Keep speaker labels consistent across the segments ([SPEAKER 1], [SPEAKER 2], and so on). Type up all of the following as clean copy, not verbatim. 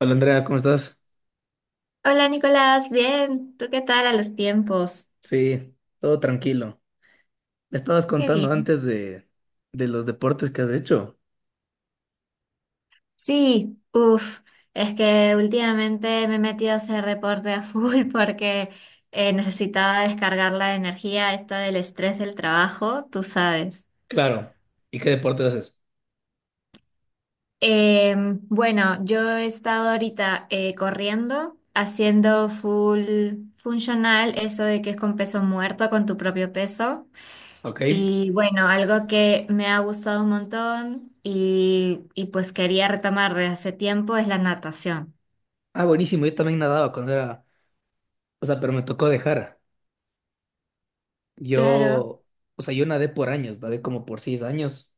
[SPEAKER 1] Hola Andrea, ¿cómo estás?
[SPEAKER 2] Hola Nicolás, bien, ¿tú qué tal a los tiempos?
[SPEAKER 1] Sí, todo tranquilo. Me estabas
[SPEAKER 2] Qué
[SPEAKER 1] contando
[SPEAKER 2] bien.
[SPEAKER 1] antes de los deportes que has hecho.
[SPEAKER 2] Sí, uff, es que últimamente me he metido a hacer reporte a full porque necesitaba descargar la energía esta del estrés del trabajo, tú sabes.
[SPEAKER 1] Claro. ¿Y qué deporte haces?
[SPEAKER 2] Bueno, yo he estado ahorita corriendo, haciendo full funcional, eso de que es con peso muerto, con tu propio peso.
[SPEAKER 1] Ok.
[SPEAKER 2] Y bueno, algo que me ha gustado un montón y pues quería retomar de hace tiempo es la natación.
[SPEAKER 1] Ah, buenísimo, yo también nadaba cuando era, o sea, pero me tocó dejar.
[SPEAKER 2] Claro.
[SPEAKER 1] Yo, o sea, yo nadé por años, nadé como por 6 años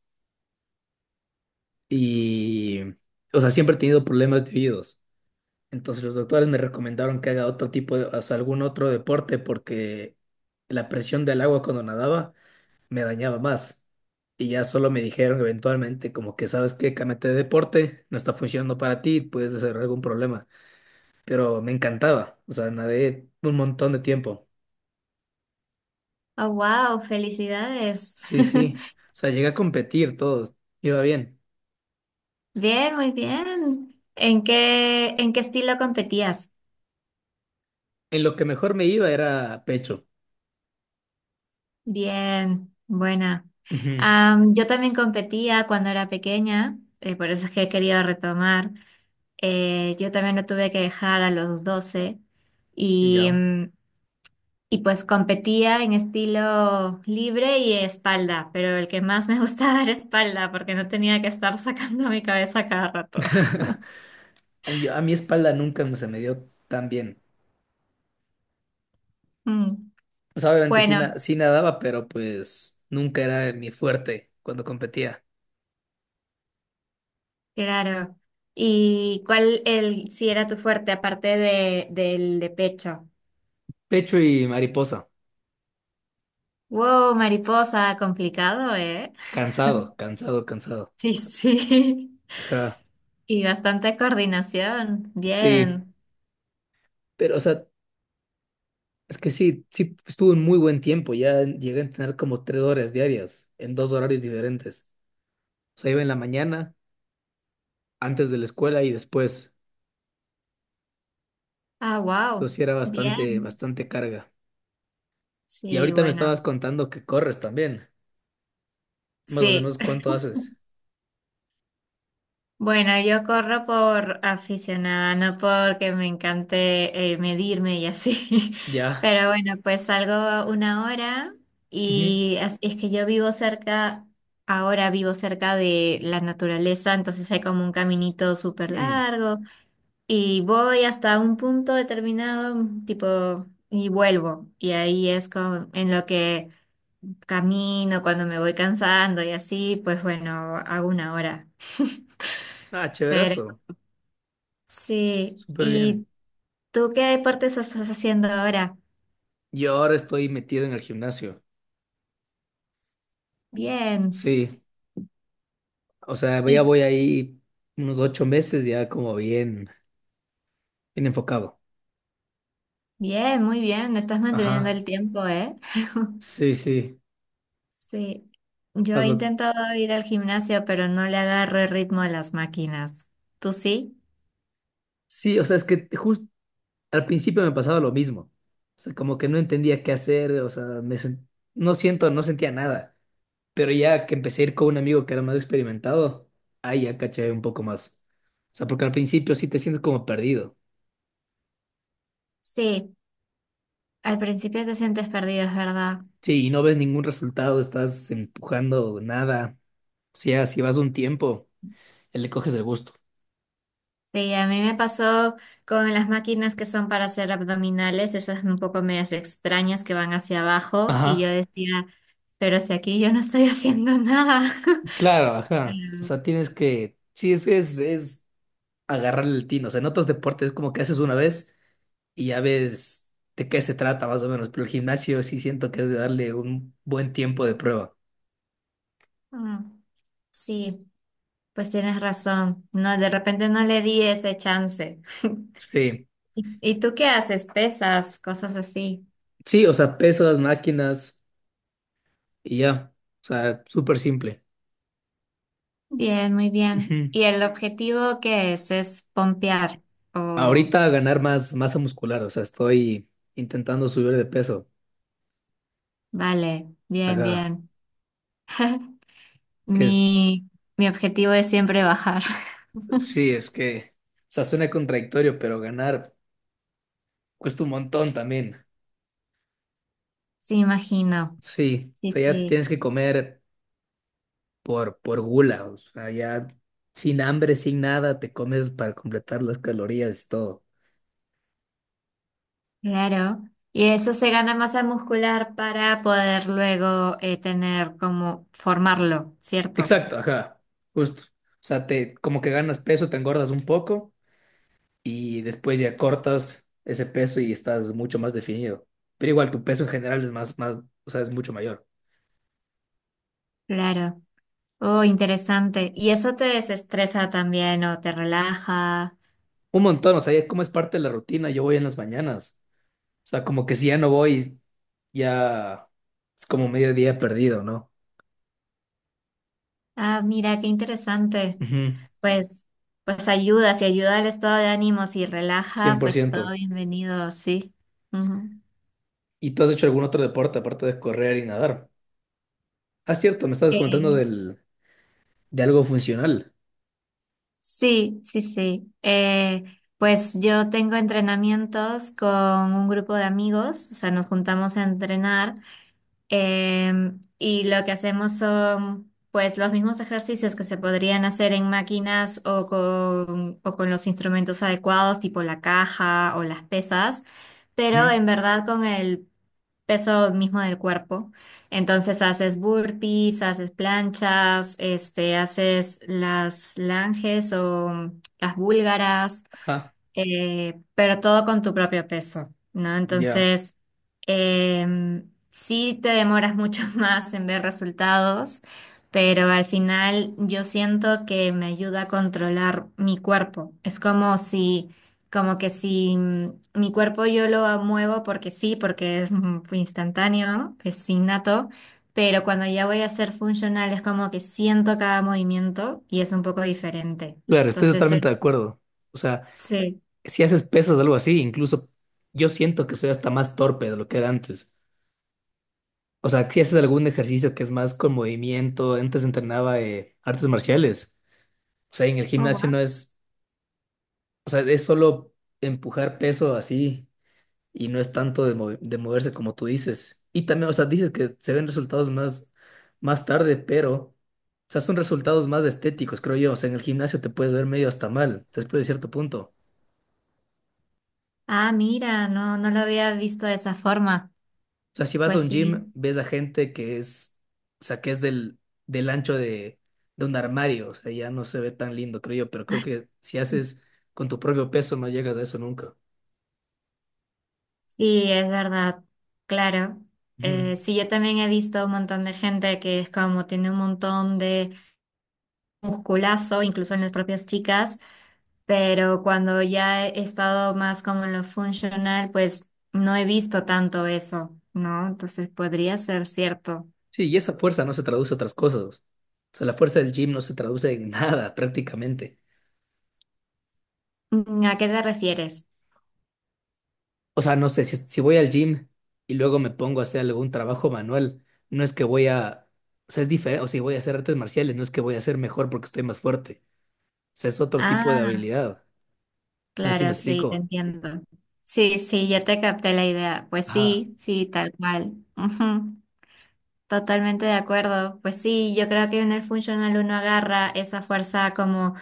[SPEAKER 1] y, o sea, siempre he tenido problemas de oídos. Entonces los doctores me recomendaron que haga otro tipo de, o sea, algún otro deporte porque la presión del agua cuando nadaba me dañaba más. Y ya solo me dijeron eventualmente como que sabes qué, cámbiate de deporte, no está funcionando para ti, puedes desarrollar algún problema. Pero me encantaba, o sea, nadé un montón de tiempo.
[SPEAKER 2] Oh, wow, felicidades.
[SPEAKER 1] Sí, sí, o sea, llegué a competir, todo iba bien.
[SPEAKER 2] Bien, muy bien. ¿En qué estilo competías?
[SPEAKER 1] En lo que mejor me iba era pecho.
[SPEAKER 2] Bien, buena.
[SPEAKER 1] Ujú.
[SPEAKER 2] Yo también competía cuando era pequeña, por eso es que he querido retomar. Yo también lo tuve que dejar a los 12 y
[SPEAKER 1] Ya.
[SPEAKER 2] y pues competía en estilo libre y espalda, pero el que más me gustaba era espalda porque no tenía que estar sacando mi cabeza cada rato.
[SPEAKER 1] A mi espalda nunca se me dio tan bien.
[SPEAKER 2] Mm.
[SPEAKER 1] O sea, obviamente sí,
[SPEAKER 2] Bueno,
[SPEAKER 1] sí nadaba, pero pues nunca era mi fuerte cuando competía.
[SPEAKER 2] claro. ¿Y cuál el si era tu fuerte aparte de del de pecho?
[SPEAKER 1] Pecho y mariposa.
[SPEAKER 2] Wow, mariposa, complicado, ¿eh?
[SPEAKER 1] Cansado, cansado, cansado.
[SPEAKER 2] Sí, sí.
[SPEAKER 1] Ajá,
[SPEAKER 2] Y bastante coordinación.
[SPEAKER 1] sí,
[SPEAKER 2] Bien.
[SPEAKER 1] pero o sea, es que sí, sí, estuve en muy buen tiempo, ya llegué a tener como 3 horas diarias, en dos horarios diferentes. O sea, iba en la mañana, antes de la escuela y después.
[SPEAKER 2] Ah, wow.
[SPEAKER 1] Entonces sí era bastante,
[SPEAKER 2] Bien.
[SPEAKER 1] bastante carga. Y
[SPEAKER 2] Sí,
[SPEAKER 1] ahorita me
[SPEAKER 2] bueno.
[SPEAKER 1] estabas contando que corres también. Más o
[SPEAKER 2] Sí.
[SPEAKER 1] menos, ¿cuánto haces?
[SPEAKER 2] Bueno, yo corro por aficionada, no porque me encante medirme y así.
[SPEAKER 1] Ya.
[SPEAKER 2] Pero bueno, pues salgo una hora
[SPEAKER 1] Ujú.
[SPEAKER 2] y es que yo vivo cerca, ahora vivo cerca de la naturaleza, entonces hay como un caminito súper
[SPEAKER 1] Mm.
[SPEAKER 2] largo y voy hasta un punto determinado, tipo, y vuelvo. Y ahí es en lo que camino, cuando me voy cansando y así, pues bueno, hago una hora.
[SPEAKER 1] Ah, chéverazo.
[SPEAKER 2] Sí,
[SPEAKER 1] Súper
[SPEAKER 2] ¿y
[SPEAKER 1] bien.
[SPEAKER 2] tú qué deportes estás haciendo ahora?
[SPEAKER 1] Yo ahora estoy metido en el gimnasio.
[SPEAKER 2] Bien,
[SPEAKER 1] Sí. O sea, ya
[SPEAKER 2] y
[SPEAKER 1] voy ahí unos 8 meses ya como bien, bien enfocado.
[SPEAKER 2] bien, muy bien, estás manteniendo
[SPEAKER 1] Ajá.
[SPEAKER 2] el tiempo, ¿eh?
[SPEAKER 1] Sí, sí.
[SPEAKER 2] Sí, yo he
[SPEAKER 1] Hazlo.
[SPEAKER 2] intentado ir al gimnasio, pero no le agarro el ritmo a las máquinas. ¿Tú sí?
[SPEAKER 1] Sí, o sea, es que justo al principio me pasaba lo mismo. O sea, como que no entendía qué hacer, o sea, no siento, no sentía nada. Pero ya que empecé a ir con un amigo que era más experimentado, ahí ya caché un poco más. O sea, porque al principio sí te sientes como perdido.
[SPEAKER 2] Sí, al principio te sientes perdido, es verdad.
[SPEAKER 1] Sí, y no ves ningún resultado, estás empujando nada. O sea, si vas un tiempo, le coges el gusto.
[SPEAKER 2] Sí, a mí me pasó con las máquinas que son para hacer abdominales, esas un poco medias extrañas que van hacia abajo, y yo
[SPEAKER 1] Ajá.
[SPEAKER 2] decía, pero si aquí yo no estoy haciendo nada.
[SPEAKER 1] Claro, ajá. O
[SPEAKER 2] Pero,
[SPEAKER 1] sea, tienes que, sí, es agarrarle el tino. O sea, en otros deportes es como que haces una vez y ya ves de qué se trata más o menos, pero el gimnasio sí siento que es de darle un buen tiempo de prueba.
[SPEAKER 2] mm, sí, pues tienes razón. No, de repente no le di ese chance.
[SPEAKER 1] Sí,
[SPEAKER 2] ¿Y tú qué haces? Pesas, cosas así.
[SPEAKER 1] sí, o sea, pesas, máquinas y ya. O sea, súper simple.
[SPEAKER 2] Bien, muy bien.
[SPEAKER 1] Ujú.
[SPEAKER 2] ¿Y el objetivo qué es? ¿Es pompear? O,
[SPEAKER 1] Ahorita ganar más masa muscular, o sea, estoy intentando subir de peso.
[SPEAKER 2] vale, bien,
[SPEAKER 1] Ajá,
[SPEAKER 2] bien.
[SPEAKER 1] que es-
[SPEAKER 2] Mi, Mi objetivo es siempre bajar.
[SPEAKER 1] sí, es que, o sea, suena contradictorio, pero ganar cuesta un montón también.
[SPEAKER 2] Sí, imagino.
[SPEAKER 1] Sí, o
[SPEAKER 2] Sí,
[SPEAKER 1] sea, ya
[SPEAKER 2] sí,
[SPEAKER 1] tienes que comer por gula, o sea, ya sin hambre, sin nada, te comes para completar las calorías y todo.
[SPEAKER 2] claro. Y eso se gana masa muscular para poder luego tener como formarlo, ¿cierto?
[SPEAKER 1] Exacto, ajá, justo. O sea, te, como que ganas peso, te engordas un poco y después ya cortas ese peso y estás mucho más definido. Pero igual tu peso en general es más, más, o sea, es mucho mayor.
[SPEAKER 2] Claro. Oh, interesante. ¿Y eso te desestresa también o te relaja?
[SPEAKER 1] Un montón, o sea, ya como es parte de la rutina, yo voy en las mañanas. O sea, como que si ya no voy, ya es como mediodía perdido, ¿no?
[SPEAKER 2] Ah, mira, qué interesante.
[SPEAKER 1] Ujú.
[SPEAKER 2] Pues, pues ayuda, si ayuda al estado de ánimo, si
[SPEAKER 1] cien
[SPEAKER 2] relaja,
[SPEAKER 1] por
[SPEAKER 2] pues todo
[SPEAKER 1] ciento
[SPEAKER 2] bienvenido, sí. Ujú.
[SPEAKER 1] ¿Y tú has hecho algún otro deporte aparte de correr y nadar? Ah, cierto, me estabas contando
[SPEAKER 2] Eh,
[SPEAKER 1] del, de algo funcional.
[SPEAKER 2] Sí, sí, sí. Pues yo tengo entrenamientos con un grupo de amigos, o sea, nos juntamos a entrenar. Y lo que hacemos son pues los mismos ejercicios que se podrían hacer en máquinas o con los instrumentos adecuados, tipo la caja o las pesas, pero
[SPEAKER 1] Ujú.
[SPEAKER 2] en verdad con el peso mismo del cuerpo. Entonces haces burpees, haces planchas, este, haces las langes o las búlgaras,
[SPEAKER 1] Ah,
[SPEAKER 2] pero todo con tu propio peso, ¿no?
[SPEAKER 1] ya.
[SPEAKER 2] Entonces, sí te demoras mucho más en ver resultados, pero al final yo siento que me ayuda a controlar mi cuerpo. Es como si, como que si mi cuerpo yo lo muevo porque sí, porque es instantáneo, es innato. Pero cuando ya voy a ser funcional es como que siento cada movimiento y es un poco diferente.
[SPEAKER 1] Claro, estoy
[SPEAKER 2] Entonces,
[SPEAKER 1] totalmente de acuerdo. O sea,
[SPEAKER 2] sí.
[SPEAKER 1] si haces pesas o algo así, incluso yo siento que soy hasta más torpe de lo que era antes. O sea, si haces algún ejercicio que es más con movimiento, antes entrenaba artes marciales. O sea, en el gimnasio no es, o sea, es solo empujar peso así. Y no es tanto de moverse como tú dices. Y también, o sea, dices que se ven resultados más tarde, pero, o sea, son resultados más estéticos, creo yo. O sea, en el gimnasio te puedes ver medio hasta mal, después de cierto punto.
[SPEAKER 2] Ah, mira, no, no lo había visto de esa forma.
[SPEAKER 1] O sea, si vas a
[SPEAKER 2] Pues
[SPEAKER 1] un gym,
[SPEAKER 2] sí,
[SPEAKER 1] ves a gente que es, o sea, que es del ancho de un armario, o sea, ya no se ve tan lindo, creo yo, pero creo que si haces con tu propio peso no llegas a eso nunca.
[SPEAKER 2] sí, es verdad, claro.
[SPEAKER 1] Ujú.
[SPEAKER 2] Sí, yo también he visto un montón de gente que es como tiene un montón de musculazo, incluso en las propias chicas, pero cuando ya he estado más como en lo funcional, pues no he visto tanto eso, ¿no? Entonces podría ser cierto.
[SPEAKER 1] Sí, y esa fuerza no se traduce a otras cosas. O sea, la fuerza del gym no se traduce en nada prácticamente.
[SPEAKER 2] Mm, ¿a qué te refieres?
[SPEAKER 1] O sea, no sé, si voy al gym y luego me pongo a hacer algún trabajo manual, no es que voy a, o sea, es diferente, o si voy a hacer artes marciales, no es que voy a ser mejor porque estoy más fuerte. O sea, es otro tipo de
[SPEAKER 2] Ah,
[SPEAKER 1] habilidad. No sé si me
[SPEAKER 2] claro, sí, te
[SPEAKER 1] explico.
[SPEAKER 2] entiendo. Sí, sí, ya te capté la idea. Pues
[SPEAKER 1] Ajá,
[SPEAKER 2] sí, sí, tal cual. Ujú, totalmente de acuerdo. Pues sí, yo creo que en el funcional uno agarra esa fuerza como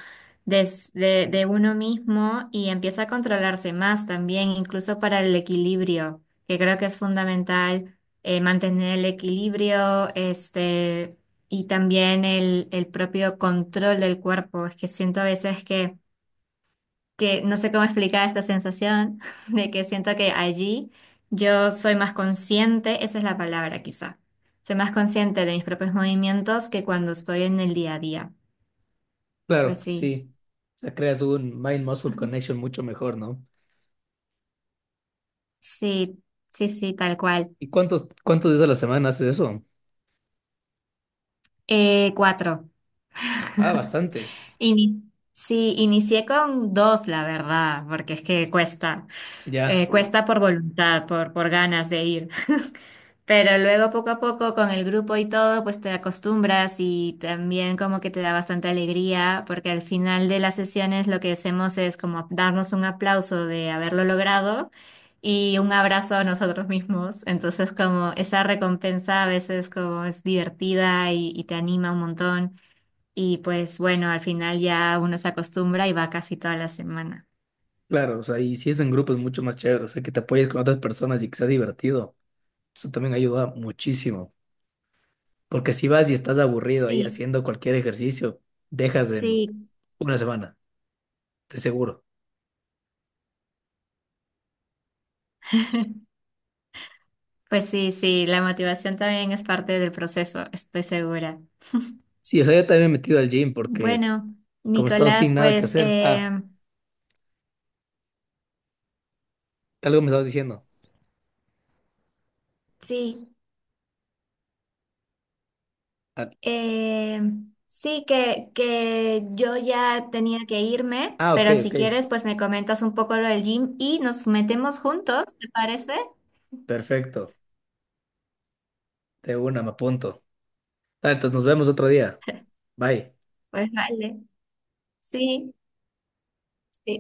[SPEAKER 2] de uno mismo y empieza a controlarse más también, incluso para el equilibrio, que creo que es fundamental mantener el equilibrio, este, y también el propio control del cuerpo. Es que siento a veces que no sé cómo explicar esta sensación de que siento que allí yo soy más consciente, esa es la palabra quizá. Soy más consciente de mis propios movimientos que cuando estoy en el día a día. Pues
[SPEAKER 1] claro,
[SPEAKER 2] sí,
[SPEAKER 1] sí. O sea, creas un mind-muscle connection mucho mejor, ¿no?
[SPEAKER 2] sí, sí, sí, tal cual.
[SPEAKER 1] ¿Y cuántos días a la semana haces eso?
[SPEAKER 2] Cuatro.
[SPEAKER 1] Ah, bastante.
[SPEAKER 2] Ini- sí, inicié con dos, la verdad, porque es que cuesta.
[SPEAKER 1] Ya,
[SPEAKER 2] Cuesta por voluntad, por ganas de ir. Pero luego poco a poco con el grupo y todo, pues te acostumbras y también como que te da bastante alegría, porque al final de las sesiones lo que hacemos es como darnos un aplauso de haberlo logrado y un abrazo a nosotros mismos. Entonces como esa recompensa a veces como es divertida y te anima un montón. Y pues bueno, al final ya uno se acostumbra y va casi toda la semana.
[SPEAKER 1] claro, o sea, y si es en grupo es mucho más chévere, o sea, que te apoyes con otras personas y que sea divertido. Eso también ayuda muchísimo. Porque si vas y estás aburrido ahí
[SPEAKER 2] Sí,
[SPEAKER 1] haciendo cualquier ejercicio, dejas en
[SPEAKER 2] sí.
[SPEAKER 1] una semana, de seguro.
[SPEAKER 2] Pues sí, sí, la motivación también es parte del proceso, estoy segura.
[SPEAKER 1] Sí, o sea, yo también me he metido al gym porque
[SPEAKER 2] Bueno,
[SPEAKER 1] como he estado
[SPEAKER 2] Nicolás,
[SPEAKER 1] sin nada que
[SPEAKER 2] pues
[SPEAKER 1] hacer. Ah, algo me estabas diciendo.
[SPEAKER 2] sí,
[SPEAKER 1] Ah,
[SPEAKER 2] eh, sí que yo ya tenía que irme,
[SPEAKER 1] ah, ok,
[SPEAKER 2] pero si
[SPEAKER 1] ok.
[SPEAKER 2] quieres, pues me comentas un poco lo del gym y nos metemos juntos, ¿te parece?
[SPEAKER 1] Perfecto. De una, me apunto. Ah, entonces nos vemos otro día. Bye.
[SPEAKER 2] Pues vale, sí, sí.